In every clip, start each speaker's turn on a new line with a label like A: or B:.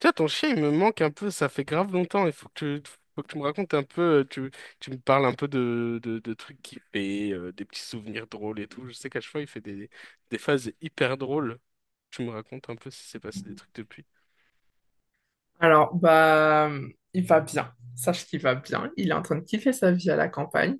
A: Tiens, ton chien, il me manque un peu, ça fait grave longtemps. Il tu, faut que tu me racontes un peu, tu, tu me parles un peu de trucs qu'il fait, des petits souvenirs drôles et tout. Je sais qu'à chaque fois, il fait des phases hyper drôles. Tu me racontes un peu si s'est passé des trucs depuis.
B: Alors, bah, il va bien. Sache qu'il va bien. Il est en train de kiffer sa vie à la campagne.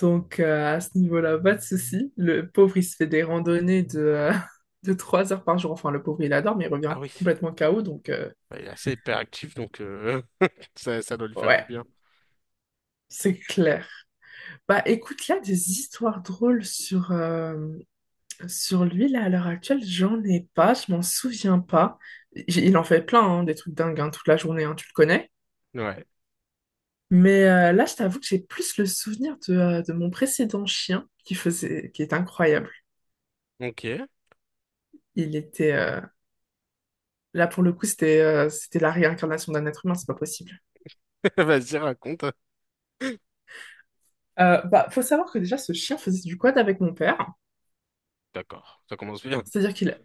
B: Donc, à ce niveau-là, pas de souci. Le pauvre, il se fait des randonnées de 3 heures par jour. Enfin, le pauvre, il adore, mais il revient
A: Ah oui,
B: complètement KO. Donc,
A: bah, il est assez hyper actif donc ça doit lui faire du
B: ouais,
A: bien.
B: c'est clair. Bah, écoute, là, des histoires drôles sur lui, là, à l'heure actuelle, j'en ai pas. Je m'en souviens pas. Il en fait plein, hein, des trucs dingues, hein, toute la journée, hein, tu le connais.
A: Ouais,
B: Mais là, je t'avoue que j'ai plus le souvenir de mon précédent chien qui est incroyable.
A: ok.
B: Il était là pour le coup, c'était la réincarnation d'un être humain, c'est pas possible.
A: Vas-y, raconte.
B: Bah, faut savoir que déjà, ce chien faisait du quad avec mon père.
A: D'accord, ça commence bien.
B: C'est-à-dire qu'il,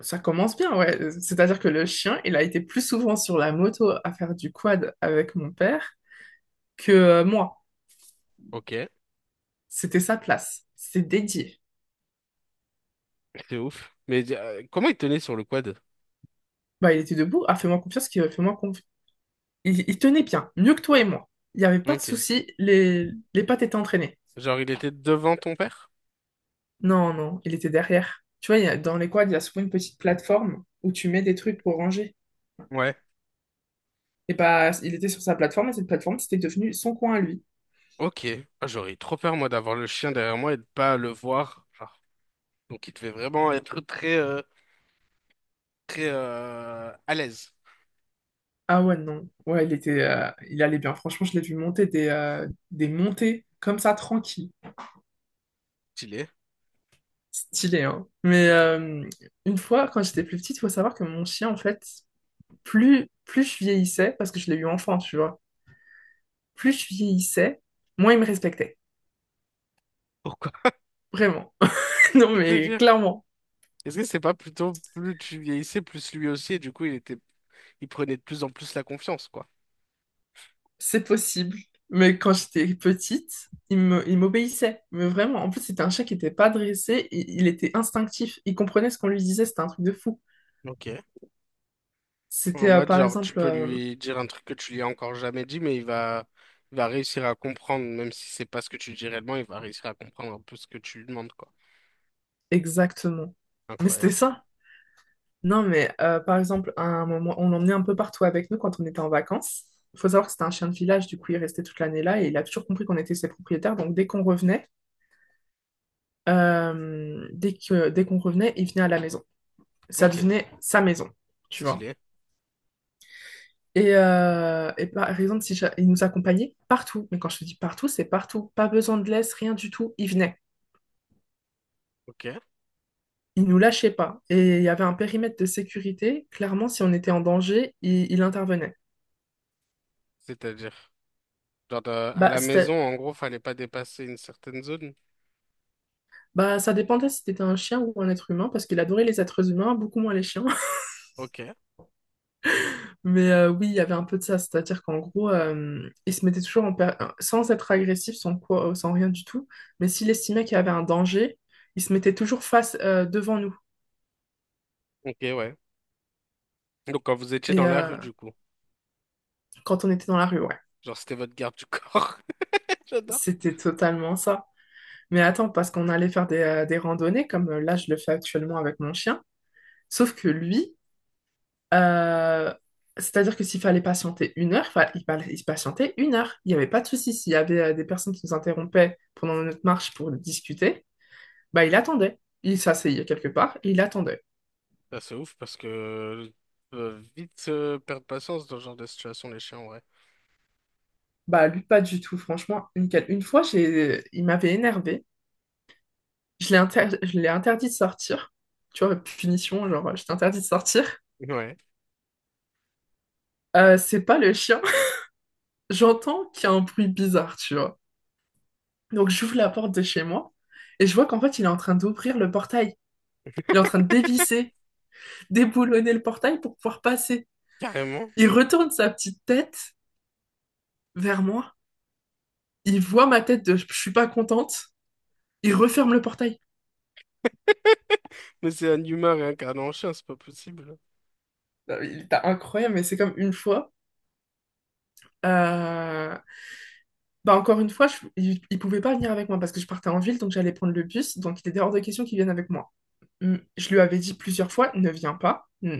B: Ça commence bien, ouais. C'est-à-dire que le chien, il a été plus souvent sur la moto à faire du quad avec mon père que moi.
A: Ok,
B: C'était sa place, c'est dédié.
A: c'est ouf. Mais comment il tenait sur le quad?
B: Bah, il était debout. Ah, fais-moi confiance, fais-moi confiance. Il tenait bien, mieux que toi et moi. Il n'y avait pas de
A: Ok.
B: souci, les pattes étaient entraînées.
A: Genre, il était devant ton père?
B: Non, non, il était derrière. Tu vois, dans les quads, il y a souvent une petite plateforme où tu mets des trucs pour ranger. Et bah, il était sur sa plateforme et cette plateforme, c'était devenu son coin à lui.
A: Ok, ah, j'aurais eu trop peur moi d'avoir le chien derrière moi et de pas le voir. Genre. Donc il devait vraiment être très très à l'aise.
B: Ah ouais, non. Ouais, il allait bien. Franchement, je l'ai vu monter des montées comme ça, tranquille.
A: Stylé.
B: Stylé, hein. Mais une fois, quand j'étais plus petite, il faut savoir que mon chien, en fait, plus je vieillissais, parce que je l'ai eu enfant, tu vois, plus je vieillissais, moins ils me respectaient.
A: Pourquoi?
B: Vraiment. Non, mais
A: C'est-à-dire,
B: clairement,
A: est-ce que c'est pas plutôt plus tu vieillissais, plus lui aussi, et du coup il prenait de plus en plus la confiance, quoi.
B: c'est possible. Mais quand j'étais petite, il m'obéissait. Mais vraiment, en plus, c'était un chat qui n'était pas dressé. Il était instinctif. Il comprenait ce qu'on lui disait. C'était un truc de fou.
A: Ok. En
B: C'était,
A: mode
B: par
A: genre tu
B: exemple,
A: peux lui dire un truc que tu lui as encore jamais dit, mais il va réussir à comprendre, même si c'est pas ce que tu lui dis réellement, il va réussir à comprendre un peu ce que tu lui demandes, quoi.
B: exactement. Mais c'était
A: Incroyable.
B: ça. Non, mais par exemple, à un moment, on l'emmenait un peu partout avec nous quand on était en vacances. Il faut savoir que c'était un chien de village, du coup, il restait toute l'année là et il a toujours compris qu'on était ses propriétaires. Dès qu'on revenait, il venait à la maison. Ça
A: Ok,
B: devenait sa maison, tu vois.
A: stylé.
B: Et par exemple, si j'a- il nous accompagnait partout. Mais quand je te dis partout, c'est partout. Pas besoin de laisse, rien du tout. Il venait.
A: Ok.
B: Il nous lâchait pas. Et il y avait un périmètre de sécurité. Clairement, si on était en danger, il intervenait.
A: C'est-à-dire, genre de- à
B: Bah,
A: la maison, en gros, fallait pas dépasser une certaine zone.
B: ça dépendait si c'était un chien ou un être humain, parce qu'il adorait les êtres humains, beaucoup moins les chiens.
A: Ok.
B: Mais oui, il y avait un peu de ça, c'est-à-dire qu'en gros, il se mettait toujours sans être agressif, sans quoi, sans rien du tout, mais s'il estimait qu'il y avait un danger, il se mettait toujours face devant nous.
A: Ok, ouais. Donc quand vous étiez
B: Et
A: dans la rue, du coup,
B: quand on était dans la rue, ouais,
A: genre c'était votre garde du corps. J'adore.
B: c'était totalement ça. Mais attends, parce qu'on allait faire des randonnées, comme là je le fais actuellement avec mon chien, sauf que lui, euh, c'est-à-dire que s'il fallait patienter 1 heure, il patientait 1 heure. Il n'y avait pas de souci s'il y avait des personnes qui nous interrompaient pendant notre marche pour discuter. Bah, il attendait. Il s'asseyait quelque part et il attendait.
A: Bah, c'est ouf parce que vite perdre patience dans ce genre de situation, les chiens, ouais.
B: Bah, lui, pas du tout, franchement, nickel. Une fois, il m'avait énervé. Je l'ai interdit de sortir. Tu vois, punition, genre, je t'ai interdit de sortir.
A: Ouais,
B: C'est pas le chien. J'entends qu'il y a un bruit bizarre, tu vois. Donc, j'ouvre la porte de chez moi et je vois qu'en fait, il est en train d'ouvrir le portail. Il est en train de dévisser, déboulonner le portail pour pouvoir passer.
A: carrément.
B: Il retourne sa petite tête vers moi. Il voit ma tête de je suis pas contente. Il referme le portail.
A: Mais c'est un humain réincarné en chien, c'est pas possible.
B: Non, mais il était incroyable, mais c'est comme une fois. euh, Bah encore une fois, il pouvait pas venir avec moi parce que je partais en ville, donc j'allais prendre le bus, donc il était hors de question qu'il vienne avec moi. Je lui avais dit plusieurs fois, ne viens pas. Mm.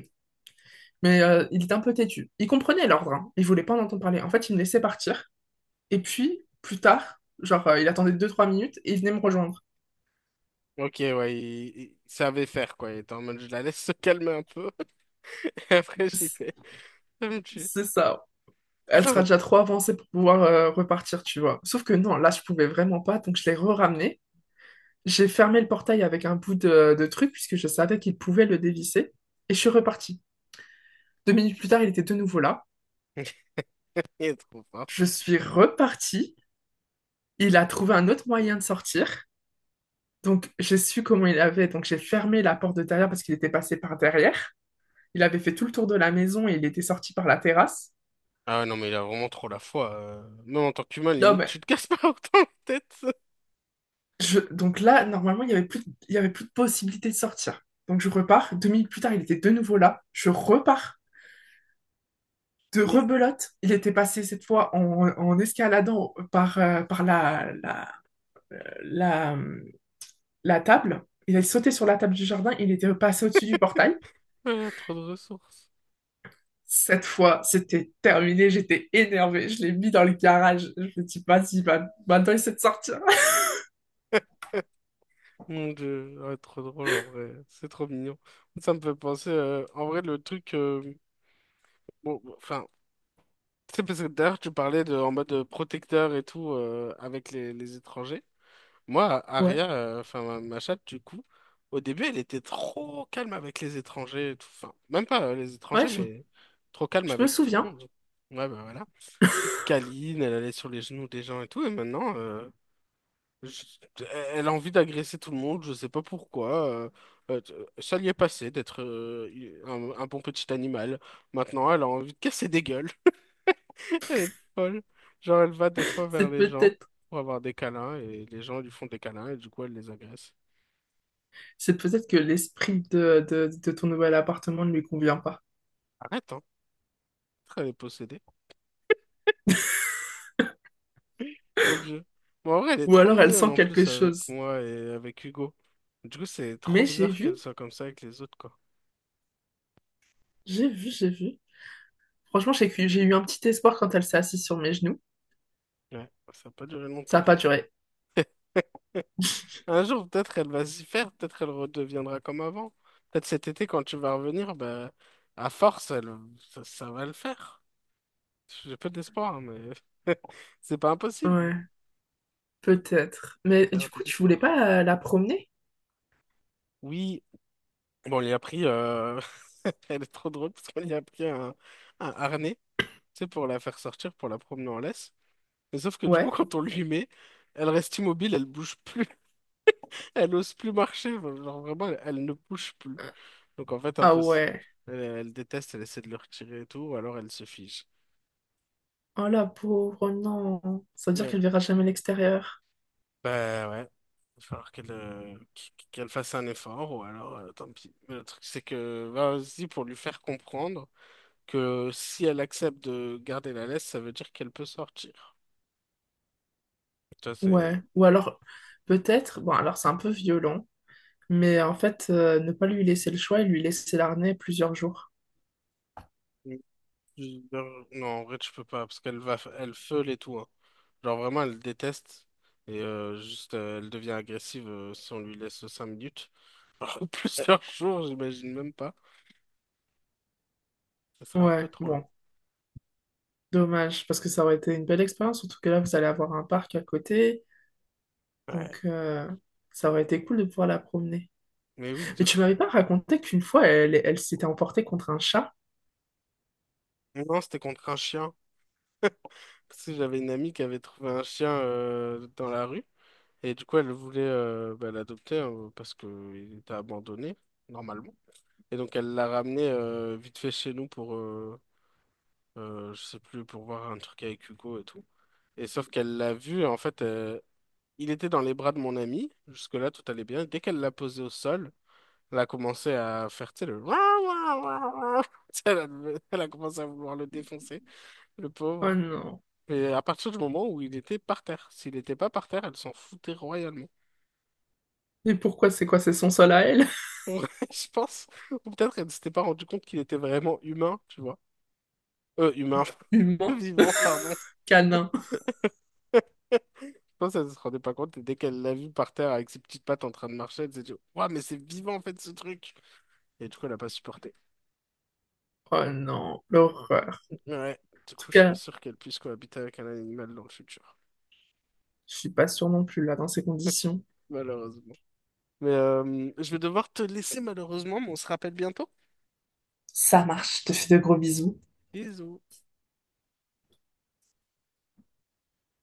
B: Mais il était un peu têtu. Il comprenait l'ordre, hein. Il voulait pas en entendre parler. En fait, il me laissait partir. Et puis, plus tard, genre, il attendait 2 3 minutes et il venait me rejoindre.
A: Ok, ouais, il savait faire quoi. Il était en mode, je la laisse se calmer un peu. Et après, j'y vais. Ça me tue.
B: C'est ça. Elle
A: Ça
B: sera
A: me...
B: déjà trop avancée pour pouvoir repartir, tu vois. Sauf que non, là, je pouvais vraiment pas, donc je l'ai re-ramené. J'ai fermé le portail avec un bout de truc puisque je savais qu'il pouvait le dévisser et je suis repartie. 2 minutes plus tard, il était de nouveau là.
A: Il est trop fort.
B: Je suis repartie. Il a trouvé un autre moyen de sortir. Donc, j'ai su comment il avait. Donc, j'ai fermé la porte de derrière parce qu'il était passé par derrière. Il avait fait tout le tour de la maison et il était sorti par la terrasse.
A: Ah ouais, non, mais il a vraiment trop la foi. Même en tant qu'humain,
B: Non,
A: limite,
B: mais
A: tu te casses pas autant la tête.
B: donc là, normalement, il y avait plus de possibilité de sortir. Donc, je repars. 2 minutes plus tard, il était de nouveau là. Je repars de
A: Mais...
B: rebelote. Il était passé cette fois en escaladant par la, la table. Il a sauté sur la table du jardin, il était passé au-dessus du portail.
A: Ah, trop de ressources.
B: Cette fois, c'était terminé, j'étais énervée, je l'ai mis dans le garage. Je me dis, vas-y, maintenant il sait de sortir.
A: Mon Dieu, ouais, trop drôle en vrai, c'est trop mignon. Ça me fait penser, en vrai, le truc, bon, bon, enfin, c'est parce que d'ailleurs tu parlais de, en mode protecteur et tout avec les étrangers. Moi,
B: Ouais,
A: Aria, enfin ma chatte du coup, au début elle était trop calme avec les étrangers, et tout. Enfin, même pas les
B: ouais,
A: étrangers,
B: je,
A: mais trop calme
B: je me
A: avec tout le
B: souviens.
A: monde. Ouais, bah voilà. Toute câline, elle allait sur les genoux des gens et tout, et maintenant, je- elle a envie d'agresser tout le monde, je sais pas pourquoi. Euh, Ça lui est passé d'être un bon petit animal. Maintenant, elle a envie de casser des gueules. Elle est folle. Genre, elle va des fois vers
B: C'est
A: les gens
B: peut-être,
A: pour avoir des câlins, et les gens lui font des câlins, et du coup, elle les agresse.
B: c'est peut-être que l'esprit de ton nouvel appartement ne lui convient pas.
A: Arrête, hein. Elle est possédée. Mon Dieu. Bon, en vrai, elle est
B: Ou
A: trop
B: alors elle
A: mignonne
B: sent
A: en
B: quelque
A: plus avec
B: chose.
A: moi et avec Hugo. Du coup, c'est trop
B: Mais j'ai
A: bizarre
B: vu,
A: qu'elle soit comme ça avec les autres, quoi.
B: j'ai vu, j'ai vu Franchement, j'ai eu un petit espoir quand elle s'est assise sur mes genoux.
A: Ouais, ça n'a pas duré
B: Ça
A: longtemps.
B: n'a pas duré.
A: Un jour, peut-être elle va s'y faire, peut-être elle redeviendra comme avant. Peut-être cet été, quand tu vas revenir, bah, à force, elle, ça va le faire. J'ai peu d'espoir, hein, mais c'est pas impossible.
B: Ouais, peut-être. Mais du
A: Gardez
B: coup, tu voulais
A: l'espoir.
B: pas la promener?
A: Oui, bon, on lui a pris. Elle est trop drôle parce qu'on lui a pris un harnais, tu sais, pour la faire sortir, pour la promener en laisse. Mais sauf que du coup,
B: Ouais.
A: quand on lui met, elle reste immobile, elle bouge plus, elle ose plus marcher. Genre vraiment, elle ne bouge plus. Donc en fait,
B: Ah
A: impossible.
B: ouais.
A: Elle, elle déteste, elle essaie de le retirer et tout, ou alors elle se fige.
B: Oh la pauvre, non. Ça veut dire
A: Ouais.
B: qu'elle verra jamais l'extérieur.
A: Bah ouais. Il va falloir qu'elle qu'elle fasse un effort, ou alors tant pis. Mais le truc, c'est que bah, vas-y pour lui faire comprendre que si elle accepte de garder la laisse, ça veut dire qu'elle peut sortir. Ça,
B: Ouais.
A: c'est.
B: Ou alors, peut-être. Bon, alors c'est un peu violent. Mais en fait, ne pas lui laisser le choix et lui laisser l'arnée plusieurs jours.
A: Non, en vrai, tu peux pas, parce qu'elle va, elle feule et tout. Hein. Genre vraiment, elle déteste. Et juste, elle devient agressive si on lui laisse 5 minutes. Plusieurs jours, j'imagine même pas. Ça serait un peu
B: Ouais,
A: trop long.
B: bon, dommage, parce que ça aurait été une belle expérience, surtout que là, vous allez avoir un parc à côté,
A: Ouais.
B: donc ça aurait été cool de pouvoir la promener.
A: Mais oui,
B: Mais
A: de
B: tu
A: fou.
B: m'avais pas raconté qu'une fois, elle s'était emportée contre un chat?
A: Non, c'était contre un chien. Parce que j'avais une amie qui avait trouvé un chien dans la rue. Et du coup, elle voulait bah, l'adopter parce qu'il était abandonné, normalement. Et donc, elle l'a ramené vite fait chez nous pour, je sais plus, pour voir un truc avec Hugo et tout. Et sauf qu'elle l'a vu, en fait, il était dans les bras de mon ami. Jusque-là, tout allait bien. Dès qu'elle l'a posé au sol, elle a commencé à faire, tu sais, le... Tu sais, elle a, elle a commencé à vouloir le défoncer, le
B: Oh
A: pauvre.
B: non.
A: Et à partir du moment où il était par terre, s'il n'était pas par terre, elle s'en foutait royalement.
B: Et pourquoi c'est quoi? C'est son sol à elle?
A: Ouais, je pense. Ou peut-être elle ne s'était pas rendu compte qu'il était vraiment humain, tu vois. Humain,
B: Humain?
A: vivant, pardon.
B: Canin?
A: Je pense qu'elle ne se rendait pas compte. Et dès qu'elle l'a vu par terre avec ses petites pattes en train de marcher, elle s'est dit, ouah, mais c'est vivant en fait ce truc. Et du coup, elle n'a pas supporté.
B: Oh non, l'horreur. En
A: Ouais, du
B: tout
A: coup, je suis pas
B: cas,
A: sûr qu'elle puisse cohabiter avec un animal dans le futur.
B: je suis pas sûre non plus là dans ces conditions.
A: Malheureusement. Mais je vais devoir te laisser malheureusement, mais on se rappelle bientôt.
B: Ça marche, je te fais de gros bisous.
A: Bisous.